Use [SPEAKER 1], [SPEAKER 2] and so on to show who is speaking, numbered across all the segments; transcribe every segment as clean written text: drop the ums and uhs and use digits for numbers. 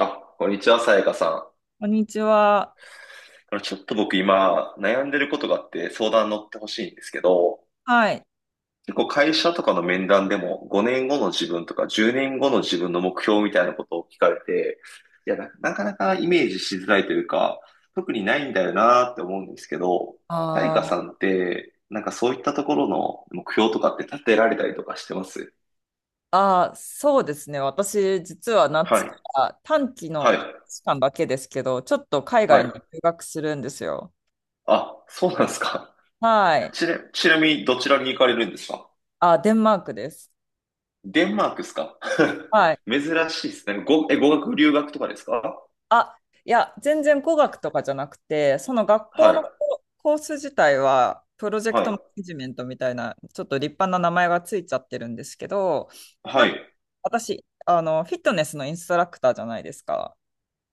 [SPEAKER 1] あ、こんにちは、さやかさん。
[SPEAKER 2] こんにちは。
[SPEAKER 1] ちょっと僕今悩んでることがあって相談乗ってほしいんですけど、
[SPEAKER 2] はい。
[SPEAKER 1] 結構会社とかの面談でも5年後の自分とか10年後の自分の目標みたいなことを聞かれて、いや、なかなかイメージしづらいというか、特にないんだよなーって思うんですけど、
[SPEAKER 2] あ
[SPEAKER 1] さやかさ
[SPEAKER 2] ー
[SPEAKER 1] んって、なんかそういったところの目標とかって立てられたりとかしてます？
[SPEAKER 2] そうですね。私、実は
[SPEAKER 1] は
[SPEAKER 2] 夏
[SPEAKER 1] い、
[SPEAKER 2] から短期の
[SPEAKER 1] はい、
[SPEAKER 2] 半年間だけですけど、ちょっと海
[SPEAKER 1] は
[SPEAKER 2] 外
[SPEAKER 1] い。
[SPEAKER 2] に留学するんですよ。
[SPEAKER 1] あ、そうなんですか。
[SPEAKER 2] はい。
[SPEAKER 1] ちなみにどちらに行かれるんですか？
[SPEAKER 2] あ、デンマークです。
[SPEAKER 1] デンマークですか？
[SPEAKER 2] はい。
[SPEAKER 1] 珍しいですね。語学留学とかですか？
[SPEAKER 2] あ、いや、全然語学とかじゃなくて、その学校
[SPEAKER 1] はい。
[SPEAKER 2] のコース自体は、プロジェク
[SPEAKER 1] は
[SPEAKER 2] トマ
[SPEAKER 1] い。
[SPEAKER 2] ネジメントみたいな、ちょっと立派な名前がついちゃってるんですけど、な
[SPEAKER 1] は
[SPEAKER 2] んか
[SPEAKER 1] い。
[SPEAKER 2] 私、あの、フィットネスのインストラクターじゃないですか。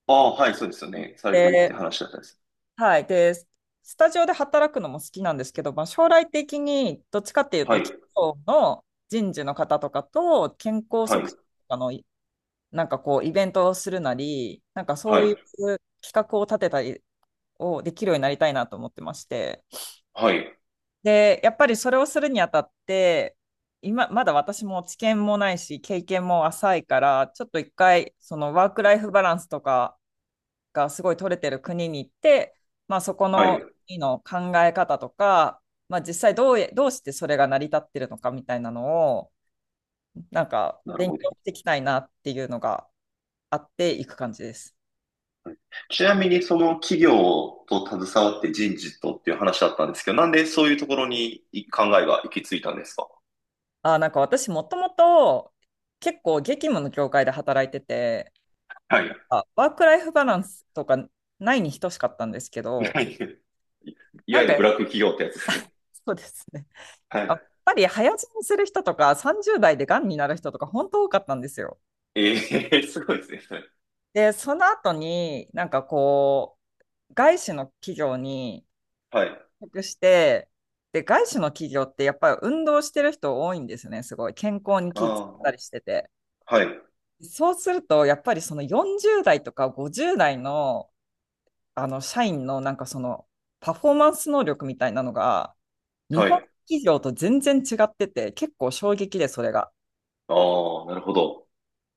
[SPEAKER 1] ああ、はい、そうですよね。されてるって
[SPEAKER 2] で、
[SPEAKER 1] 話だったんです。
[SPEAKER 2] はい。で、スタジオで働くのも好きなんですけど、まあ、将来的にどっちかっていう
[SPEAKER 1] は
[SPEAKER 2] と、企
[SPEAKER 1] い。
[SPEAKER 2] 業の人事の方とかと健康
[SPEAKER 1] は
[SPEAKER 2] 促
[SPEAKER 1] い。
[SPEAKER 2] 進とかのなんかこう、イベントをするなり、なんかそ
[SPEAKER 1] は
[SPEAKER 2] ういう
[SPEAKER 1] い。
[SPEAKER 2] 企画を立てたりをできるようになりたいなと思ってまして。
[SPEAKER 1] はい。
[SPEAKER 2] で、やっぱりそれをするにあたって、今、まだ私も知見もないし、経験も浅いから、ちょっと一回、そのワークライフバランスとか、がすごい取れてる国に行って、まあ、そこ
[SPEAKER 1] は
[SPEAKER 2] の
[SPEAKER 1] い。
[SPEAKER 2] 国の考え方とか、まあ、実際どうしてそれが成り立ってるのかみたいなのを、なんか
[SPEAKER 1] なる
[SPEAKER 2] 勉
[SPEAKER 1] ほど。
[SPEAKER 2] 強していきたいなっていうのがあっていく感じです。
[SPEAKER 1] ちなみに、その企業と携わって人事とっていう話だったんですけど、なんでそういうところに考えが行き着いたんですか？
[SPEAKER 2] あ、なんか私もともと結構激務の業界で働いてて、
[SPEAKER 1] はい。
[SPEAKER 2] ワークライフバランスとかないに等しかったんですけ
[SPEAKER 1] は
[SPEAKER 2] ど、
[SPEAKER 1] い。い
[SPEAKER 2] な
[SPEAKER 1] わ
[SPEAKER 2] ん
[SPEAKER 1] ゆ
[SPEAKER 2] か
[SPEAKER 1] るブラック企業ってやつですね。
[SPEAKER 2] そうですね。
[SPEAKER 1] は
[SPEAKER 2] やっ
[SPEAKER 1] い。
[SPEAKER 2] ぱり早死にする人とか30代でがんになる人とか本当多かったんですよ。
[SPEAKER 1] ええ、すごいですね、それ。
[SPEAKER 2] で、その後に、なんかこう、外資の企業に
[SPEAKER 1] はい。
[SPEAKER 2] 委託して、で、外資の企業ってやっぱり運動してる人多いんですよね、すごい。健康に
[SPEAKER 1] あ
[SPEAKER 2] 気遣っ
[SPEAKER 1] あ、
[SPEAKER 2] たりしてて。
[SPEAKER 1] はい。
[SPEAKER 2] そうすると、やっぱりその40代とか50代の、あの社員のなんかそのパフォーマンス能力みたいなのが、日
[SPEAKER 1] は
[SPEAKER 2] 本
[SPEAKER 1] い。
[SPEAKER 2] 企業と全然違ってて、結構衝撃で、それが。
[SPEAKER 1] ああ、なるほど。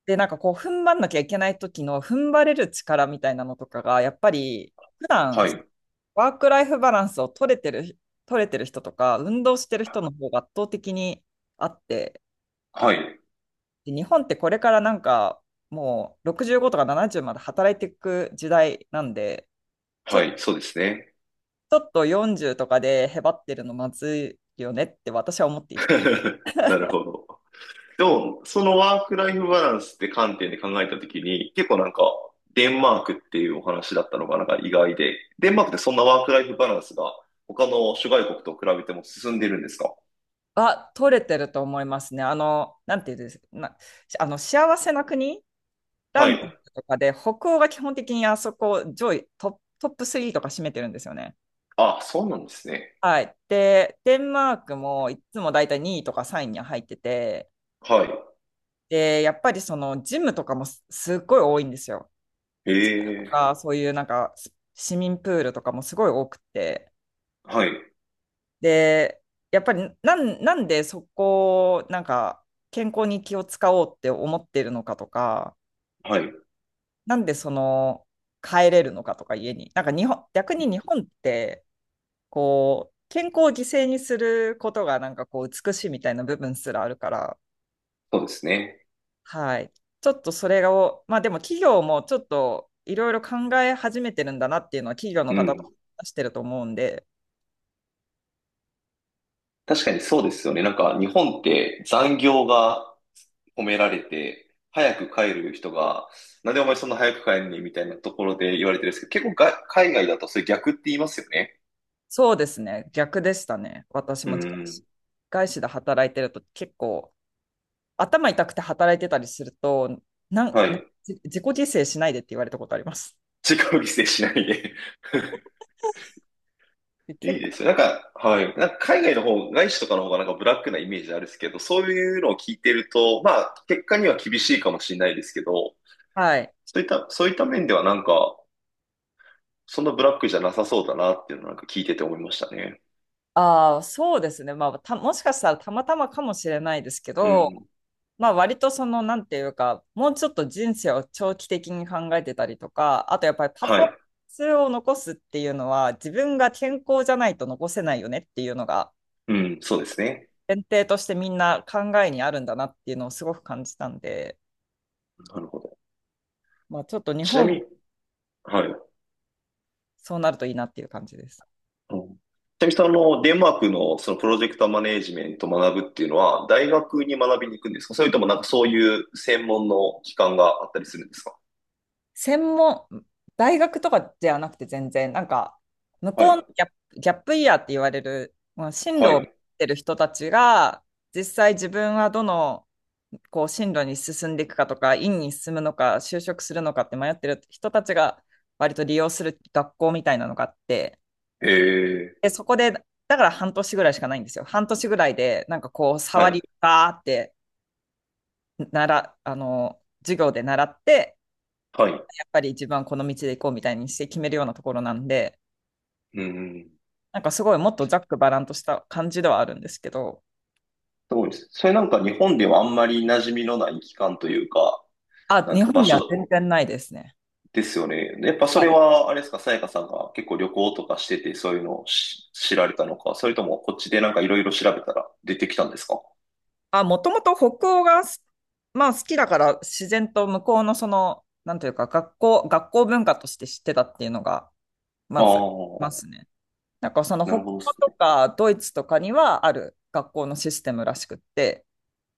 [SPEAKER 2] で、なんかこう、踏ん張んなきゃいけない時の踏ん張れる力みたいなのとかが、やっぱり、普段
[SPEAKER 1] はい。
[SPEAKER 2] ワークライフバランスを取れてる、取れてる人とか、運動してる人の方が圧倒的にあって、
[SPEAKER 1] はい。
[SPEAKER 2] で日本ってこれからなんか、もう65とか70まで働いていく時代なんで、ちょ、
[SPEAKER 1] は
[SPEAKER 2] ち
[SPEAKER 1] い。そうですね。
[SPEAKER 2] ょっと40とかでへばってるのまずいよねって私は思っていて。
[SPEAKER 1] なるほど。でも、そのワークライフバランスって観点で考えたときに、結構なんか、デンマークっていうお話だったのがなんか意外で、デンマークってそんなワークライフバランスが他の諸外国と比べても進んでるんですか？
[SPEAKER 2] あ、取れてると思いますね。あの、なんていうんですな、あの、幸せな国ラ
[SPEAKER 1] は
[SPEAKER 2] ン
[SPEAKER 1] い。
[SPEAKER 2] キングとかで、北欧が基本的にあそこ上位トップ3とか占めてるんですよね。
[SPEAKER 1] あ、そうなんですね。
[SPEAKER 2] はい。で、デンマークもいつもだいたい2位とか3位には入ってて、
[SPEAKER 1] は
[SPEAKER 2] で、やっぱりそのジムとかもすっごい多いんですよ。
[SPEAKER 1] い。へ
[SPEAKER 2] と
[SPEAKER 1] え。
[SPEAKER 2] か、そういうなんか市民プールとかもすごい多くて。
[SPEAKER 1] はい。
[SPEAKER 2] で、やっぱりなんでそこをなんか健康に気を使おうって思ってるのかとか、
[SPEAKER 1] はい。
[SPEAKER 2] なんでその帰れるのかとか家に。なんか日本、逆に日本ってこう健康を犠牲にすることがなんかこう美しいみたいな部分すらあるから、
[SPEAKER 1] そうですね。
[SPEAKER 2] はい。ちょっとそれを、まあでも企業もちょっといろいろ考え始めてるんだなっていうのは企業の
[SPEAKER 1] う
[SPEAKER 2] 方と
[SPEAKER 1] ん。
[SPEAKER 2] 話してると思うんで、
[SPEAKER 1] 確かにそうですよね。なんか日本って残業が褒められて、早く帰る人が、なんでお前そんな早く帰るねみたいなところで言われてるんですけど、結構が海外だとそれ逆って言いますよね。
[SPEAKER 2] そうですね。逆でしたね。私
[SPEAKER 1] う
[SPEAKER 2] も
[SPEAKER 1] ん。
[SPEAKER 2] 外資で働いてると結構頭痛くて働いてたりすると、なん、
[SPEAKER 1] は
[SPEAKER 2] な
[SPEAKER 1] い。
[SPEAKER 2] 自己犠牲しないでって言われたことあります。
[SPEAKER 1] 自己犠牲しないで。
[SPEAKER 2] で
[SPEAKER 1] い
[SPEAKER 2] 結
[SPEAKER 1] いで
[SPEAKER 2] 構、
[SPEAKER 1] すよ。なんか、はい。なんか海外の方、外資とかの方がなんかブラックなイメージあるんですけど、そういうのを聞いてると、まあ、結果には厳しいかもしれないですけど、
[SPEAKER 2] はい。
[SPEAKER 1] そういった面ではなんか、そんなブラックじゃなさそうだなっていうのをなんか聞いてて思いましたね。
[SPEAKER 2] ああ、そうですね。まあた、もしかしたらたまたまかもしれないですけ
[SPEAKER 1] う
[SPEAKER 2] ど、
[SPEAKER 1] ん。
[SPEAKER 2] まあ割とその、なんていうか、もうちょっと人生を長期的に考えてたりとか、あとやっぱりパフォー
[SPEAKER 1] は
[SPEAKER 2] マン
[SPEAKER 1] い。
[SPEAKER 2] スを残すっていうのは、自分が健康じゃないと残せないよねっていうのが、
[SPEAKER 1] うん、そうですね。
[SPEAKER 2] 前提としてみんな考えにあるんだなっていうのをすごく感じたんで、
[SPEAKER 1] なるほど。
[SPEAKER 2] まあちょっと日
[SPEAKER 1] ちな
[SPEAKER 2] 本
[SPEAKER 1] みに、
[SPEAKER 2] も
[SPEAKER 1] はい。
[SPEAKER 2] そうなるといいなっていう感じです。
[SPEAKER 1] うん。ちなみにそのデンマークのそのプロジェクトマネージメントを学ぶっていうのは大学に学びに行くんですか？それともなんかそういう専門の機関があったりするんですか？
[SPEAKER 2] 専門、大学とかじゃなくて全然、なんか、向
[SPEAKER 1] は
[SPEAKER 2] こうの
[SPEAKER 1] い。
[SPEAKER 2] ギャップイヤーって言われる、まあ進路
[SPEAKER 1] は
[SPEAKER 2] を持っ
[SPEAKER 1] い。
[SPEAKER 2] てる人たちが、実際自分はどの、こう、進路に進んでいくかとか、院に進むのか、就職するのかって迷ってる人たちが、割と利用する学校みたいなのがあって、
[SPEAKER 1] えー、
[SPEAKER 2] で、そこで、だから半年ぐらいしかないんですよ。半年ぐらいで、なんかこう、
[SPEAKER 1] は
[SPEAKER 2] 触
[SPEAKER 1] い。
[SPEAKER 2] り、バーって、なら、あの、授業で習って、
[SPEAKER 1] はい。
[SPEAKER 2] やっぱり一番この道で行こうみたいにして決めるようなところなんで、
[SPEAKER 1] うん。
[SPEAKER 2] なんかすごいもっとざっくばらんとした感じではあるんですけど、
[SPEAKER 1] すごいです。それなんか日本ではあんまり馴染みのない機関というか、
[SPEAKER 2] あ、
[SPEAKER 1] なん
[SPEAKER 2] 日
[SPEAKER 1] ていうか
[SPEAKER 2] 本
[SPEAKER 1] 場
[SPEAKER 2] には
[SPEAKER 1] 所
[SPEAKER 2] 全然ないですね。
[SPEAKER 1] ですよね。やっぱそ
[SPEAKER 2] はい、
[SPEAKER 1] れは、あれですか、さやかさんが結構旅行とかしててそういうのを知られたのか、それともこっちでなんかいろいろ調べたら出てきたんですか？
[SPEAKER 2] あ、もともと北欧がまあ、好きだから自然と向こうのその、なんというか学校、学校文化として知ってたっていうのが
[SPEAKER 1] あ
[SPEAKER 2] ま
[SPEAKER 1] あ
[SPEAKER 2] ずま
[SPEAKER 1] ー、
[SPEAKER 2] すね。なんかその
[SPEAKER 1] な
[SPEAKER 2] 北
[SPEAKER 1] る
[SPEAKER 2] 欧
[SPEAKER 1] ほどで
[SPEAKER 2] と
[SPEAKER 1] す。
[SPEAKER 2] かドイツとかにはある学校のシステムらしくって、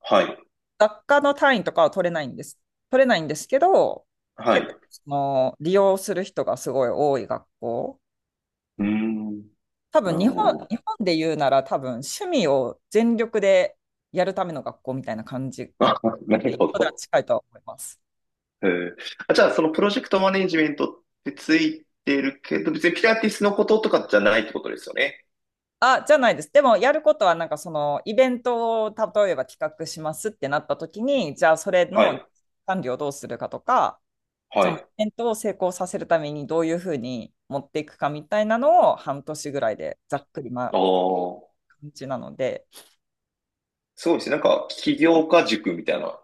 [SPEAKER 1] はい。
[SPEAKER 2] 学科の単位とかは取れないんです。取れないんですけど、
[SPEAKER 1] は
[SPEAKER 2] 結
[SPEAKER 1] い。
[SPEAKER 2] 構その利用する人がすごい多い学校。
[SPEAKER 1] うーん。
[SPEAKER 2] 多分
[SPEAKER 1] なる
[SPEAKER 2] 日本、
[SPEAKER 1] ほ
[SPEAKER 2] 日本で言うなら多分趣味を全力でやるための学校みたいな感じ。
[SPEAKER 1] ど。あ、なるほ
[SPEAKER 2] 人では
[SPEAKER 1] ど。
[SPEAKER 2] 近いとは思います。
[SPEAKER 1] えー、あ、じゃあ、そのプロジェクトマネジメントってついてるけど、別にピラティスのこととかじゃないってことですよね。
[SPEAKER 2] あ、じゃないです。でもやることはなんかそのイベントを例えば企画しますってなった時に、じゃあそれ
[SPEAKER 1] は
[SPEAKER 2] の
[SPEAKER 1] い。
[SPEAKER 2] 管理をどうするかとか、
[SPEAKER 1] は
[SPEAKER 2] そのイ
[SPEAKER 1] い。
[SPEAKER 2] ベントを成功させるためにどういうふうに持っていくかみたいなのを半年ぐらいでざっくり
[SPEAKER 1] ああ。
[SPEAKER 2] 感じなので、
[SPEAKER 1] すごいですね。なんか、起業家塾みたいな、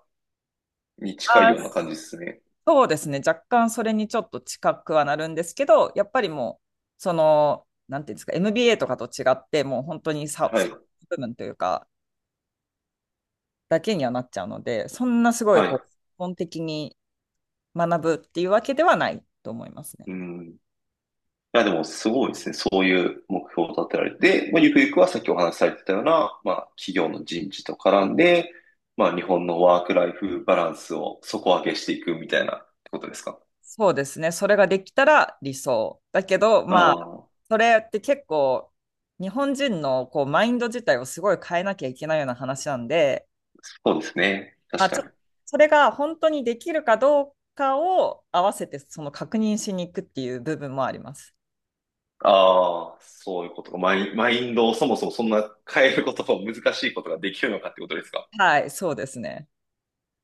[SPEAKER 1] に近いよう
[SPEAKER 2] あ、
[SPEAKER 1] な感じですね。
[SPEAKER 2] そうですね、若干それにちょっと近くはなるんですけど、やっぱりもう、その、なんていうんですか、MBA とかと違って、もう本当に
[SPEAKER 1] はい。
[SPEAKER 2] 部分というか、だけにはなっちゃうので、そんなすごい
[SPEAKER 1] はい。
[SPEAKER 2] こう、
[SPEAKER 1] う
[SPEAKER 2] 基本的に学ぶっていうわけではないと思いますね。
[SPEAKER 1] ん。いや、でもすごいですね。そういう目標を立てられて、まあ、ゆくゆくはさっきお話しされてたような、まあ、企業の人事と絡んで、まあ、日本のワークライフバランスを底上げしていくみたいなってことですか？
[SPEAKER 2] そうですね。それができたら理想。だけど、
[SPEAKER 1] あ
[SPEAKER 2] まあ、
[SPEAKER 1] あ、
[SPEAKER 2] それって結構、日本人のこうマインド自体をすごい変えなきゃいけないような話なんで、
[SPEAKER 1] そうですね。
[SPEAKER 2] ま
[SPEAKER 1] 確
[SPEAKER 2] あ、
[SPEAKER 1] か
[SPEAKER 2] ちょ
[SPEAKER 1] に。
[SPEAKER 2] っとそれが本当にできるかどうかを合わせて、その確認しに行くっていう部分もあります。
[SPEAKER 1] ああ、そういうことか。マインドをそもそもそんな変えることを難しいことができるのかってことですか？
[SPEAKER 2] はい、そうですね。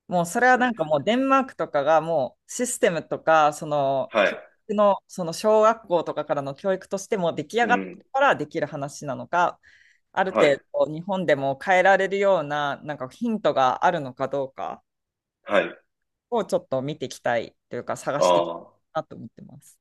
[SPEAKER 2] もうそれ
[SPEAKER 1] 確
[SPEAKER 2] は
[SPEAKER 1] かに
[SPEAKER 2] なん
[SPEAKER 1] で
[SPEAKER 2] か
[SPEAKER 1] す。
[SPEAKER 2] もうデンマークとかがもうシステムとか、その
[SPEAKER 1] は
[SPEAKER 2] 教
[SPEAKER 1] い。
[SPEAKER 2] 育の、その小学校とかからの教育としてもう出来
[SPEAKER 1] う
[SPEAKER 2] 上がって
[SPEAKER 1] ん。
[SPEAKER 2] からできる話なのか、ある
[SPEAKER 1] は
[SPEAKER 2] 程
[SPEAKER 1] い。
[SPEAKER 2] 度日本でも変えられるようななんかヒントがあるのかどうか
[SPEAKER 1] はい。
[SPEAKER 2] をちょっと見ていきたいというか探
[SPEAKER 1] あ
[SPEAKER 2] していきた
[SPEAKER 1] あ。
[SPEAKER 2] いなと思ってます。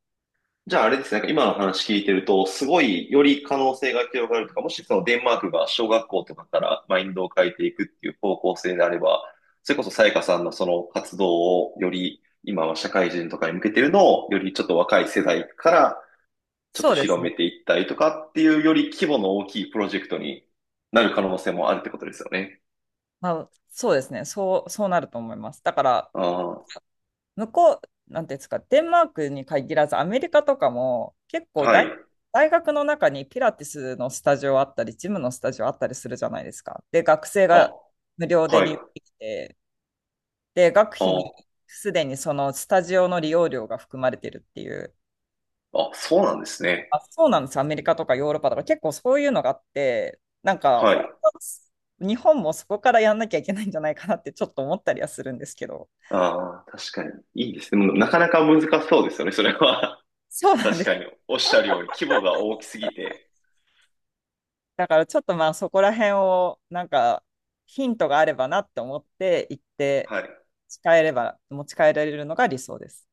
[SPEAKER 1] じゃああれですね、なんか今の話聞いてると、すごいより可能性が広がるとか、もしそのデンマークが小学校とかからマインドを変えていくっていう方向性であれば、それこそさやかさんのその活動をより今は社会人とかに向けてるのをよりちょっと若い世代からちょっ
[SPEAKER 2] そ
[SPEAKER 1] と
[SPEAKER 2] うです
[SPEAKER 1] 広
[SPEAKER 2] ね。
[SPEAKER 1] めていったりとかっていうより規模の大きいプロジェクトになる可能性もあるってことですよね。
[SPEAKER 2] まあ、そうですね。そう、そうなると思います。だから
[SPEAKER 1] あ
[SPEAKER 2] 向こう、なんていうんですか、デンマークに限らず、アメリカとかも結
[SPEAKER 1] あ、
[SPEAKER 2] 構
[SPEAKER 1] はい。
[SPEAKER 2] 大学の中にピラティスのスタジオあったり、ジムのスタジオあったりするじゃないですか。で、学生が
[SPEAKER 1] あ、
[SPEAKER 2] 無料で
[SPEAKER 1] はい。
[SPEAKER 2] 利用できて、で、学費に
[SPEAKER 1] あ
[SPEAKER 2] すでにそのスタジオの利用料が含まれてるっていう。
[SPEAKER 1] あ、そうなんですね。
[SPEAKER 2] あ、そうなんです。アメリカとかヨーロッパとか結構そういうのがあって、なんか
[SPEAKER 1] は
[SPEAKER 2] 本
[SPEAKER 1] い。
[SPEAKER 2] 当は日本もそこからやんなきゃいけないんじゃないかなってちょっと思ったりはするんですけど。
[SPEAKER 1] ああ、確かに。いいですね。もうなかなか難しそうですよね、それは。
[SPEAKER 2] そう なん
[SPEAKER 1] 確
[SPEAKER 2] で
[SPEAKER 1] か
[SPEAKER 2] す。
[SPEAKER 1] に。おっしゃるように、規模が大きすぎて。
[SPEAKER 2] だからちょっとまあそこら辺をなんかヒントがあればなって思って行って
[SPEAKER 1] はい。
[SPEAKER 2] 持ち帰れば、持ち帰られるのが理想です。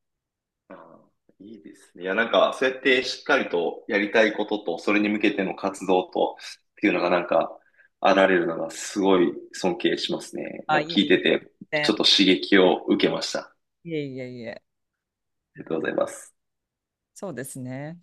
[SPEAKER 1] ああ、いいですね。いや、なんか、そうやってしっかりとやりたいことと、それに向けての活動と、っていうのがなんか、あられるのがすごい尊敬しますね。
[SPEAKER 2] あ、
[SPEAKER 1] なんか
[SPEAKER 2] い
[SPEAKER 1] 聞
[SPEAKER 2] え
[SPEAKER 1] い
[SPEAKER 2] い
[SPEAKER 1] て
[SPEAKER 2] え。
[SPEAKER 1] て、ち
[SPEAKER 2] 全
[SPEAKER 1] ょっと刺激を受けました。あ
[SPEAKER 2] 然いえいえいえ。
[SPEAKER 1] りがとうございます。
[SPEAKER 2] そうですね。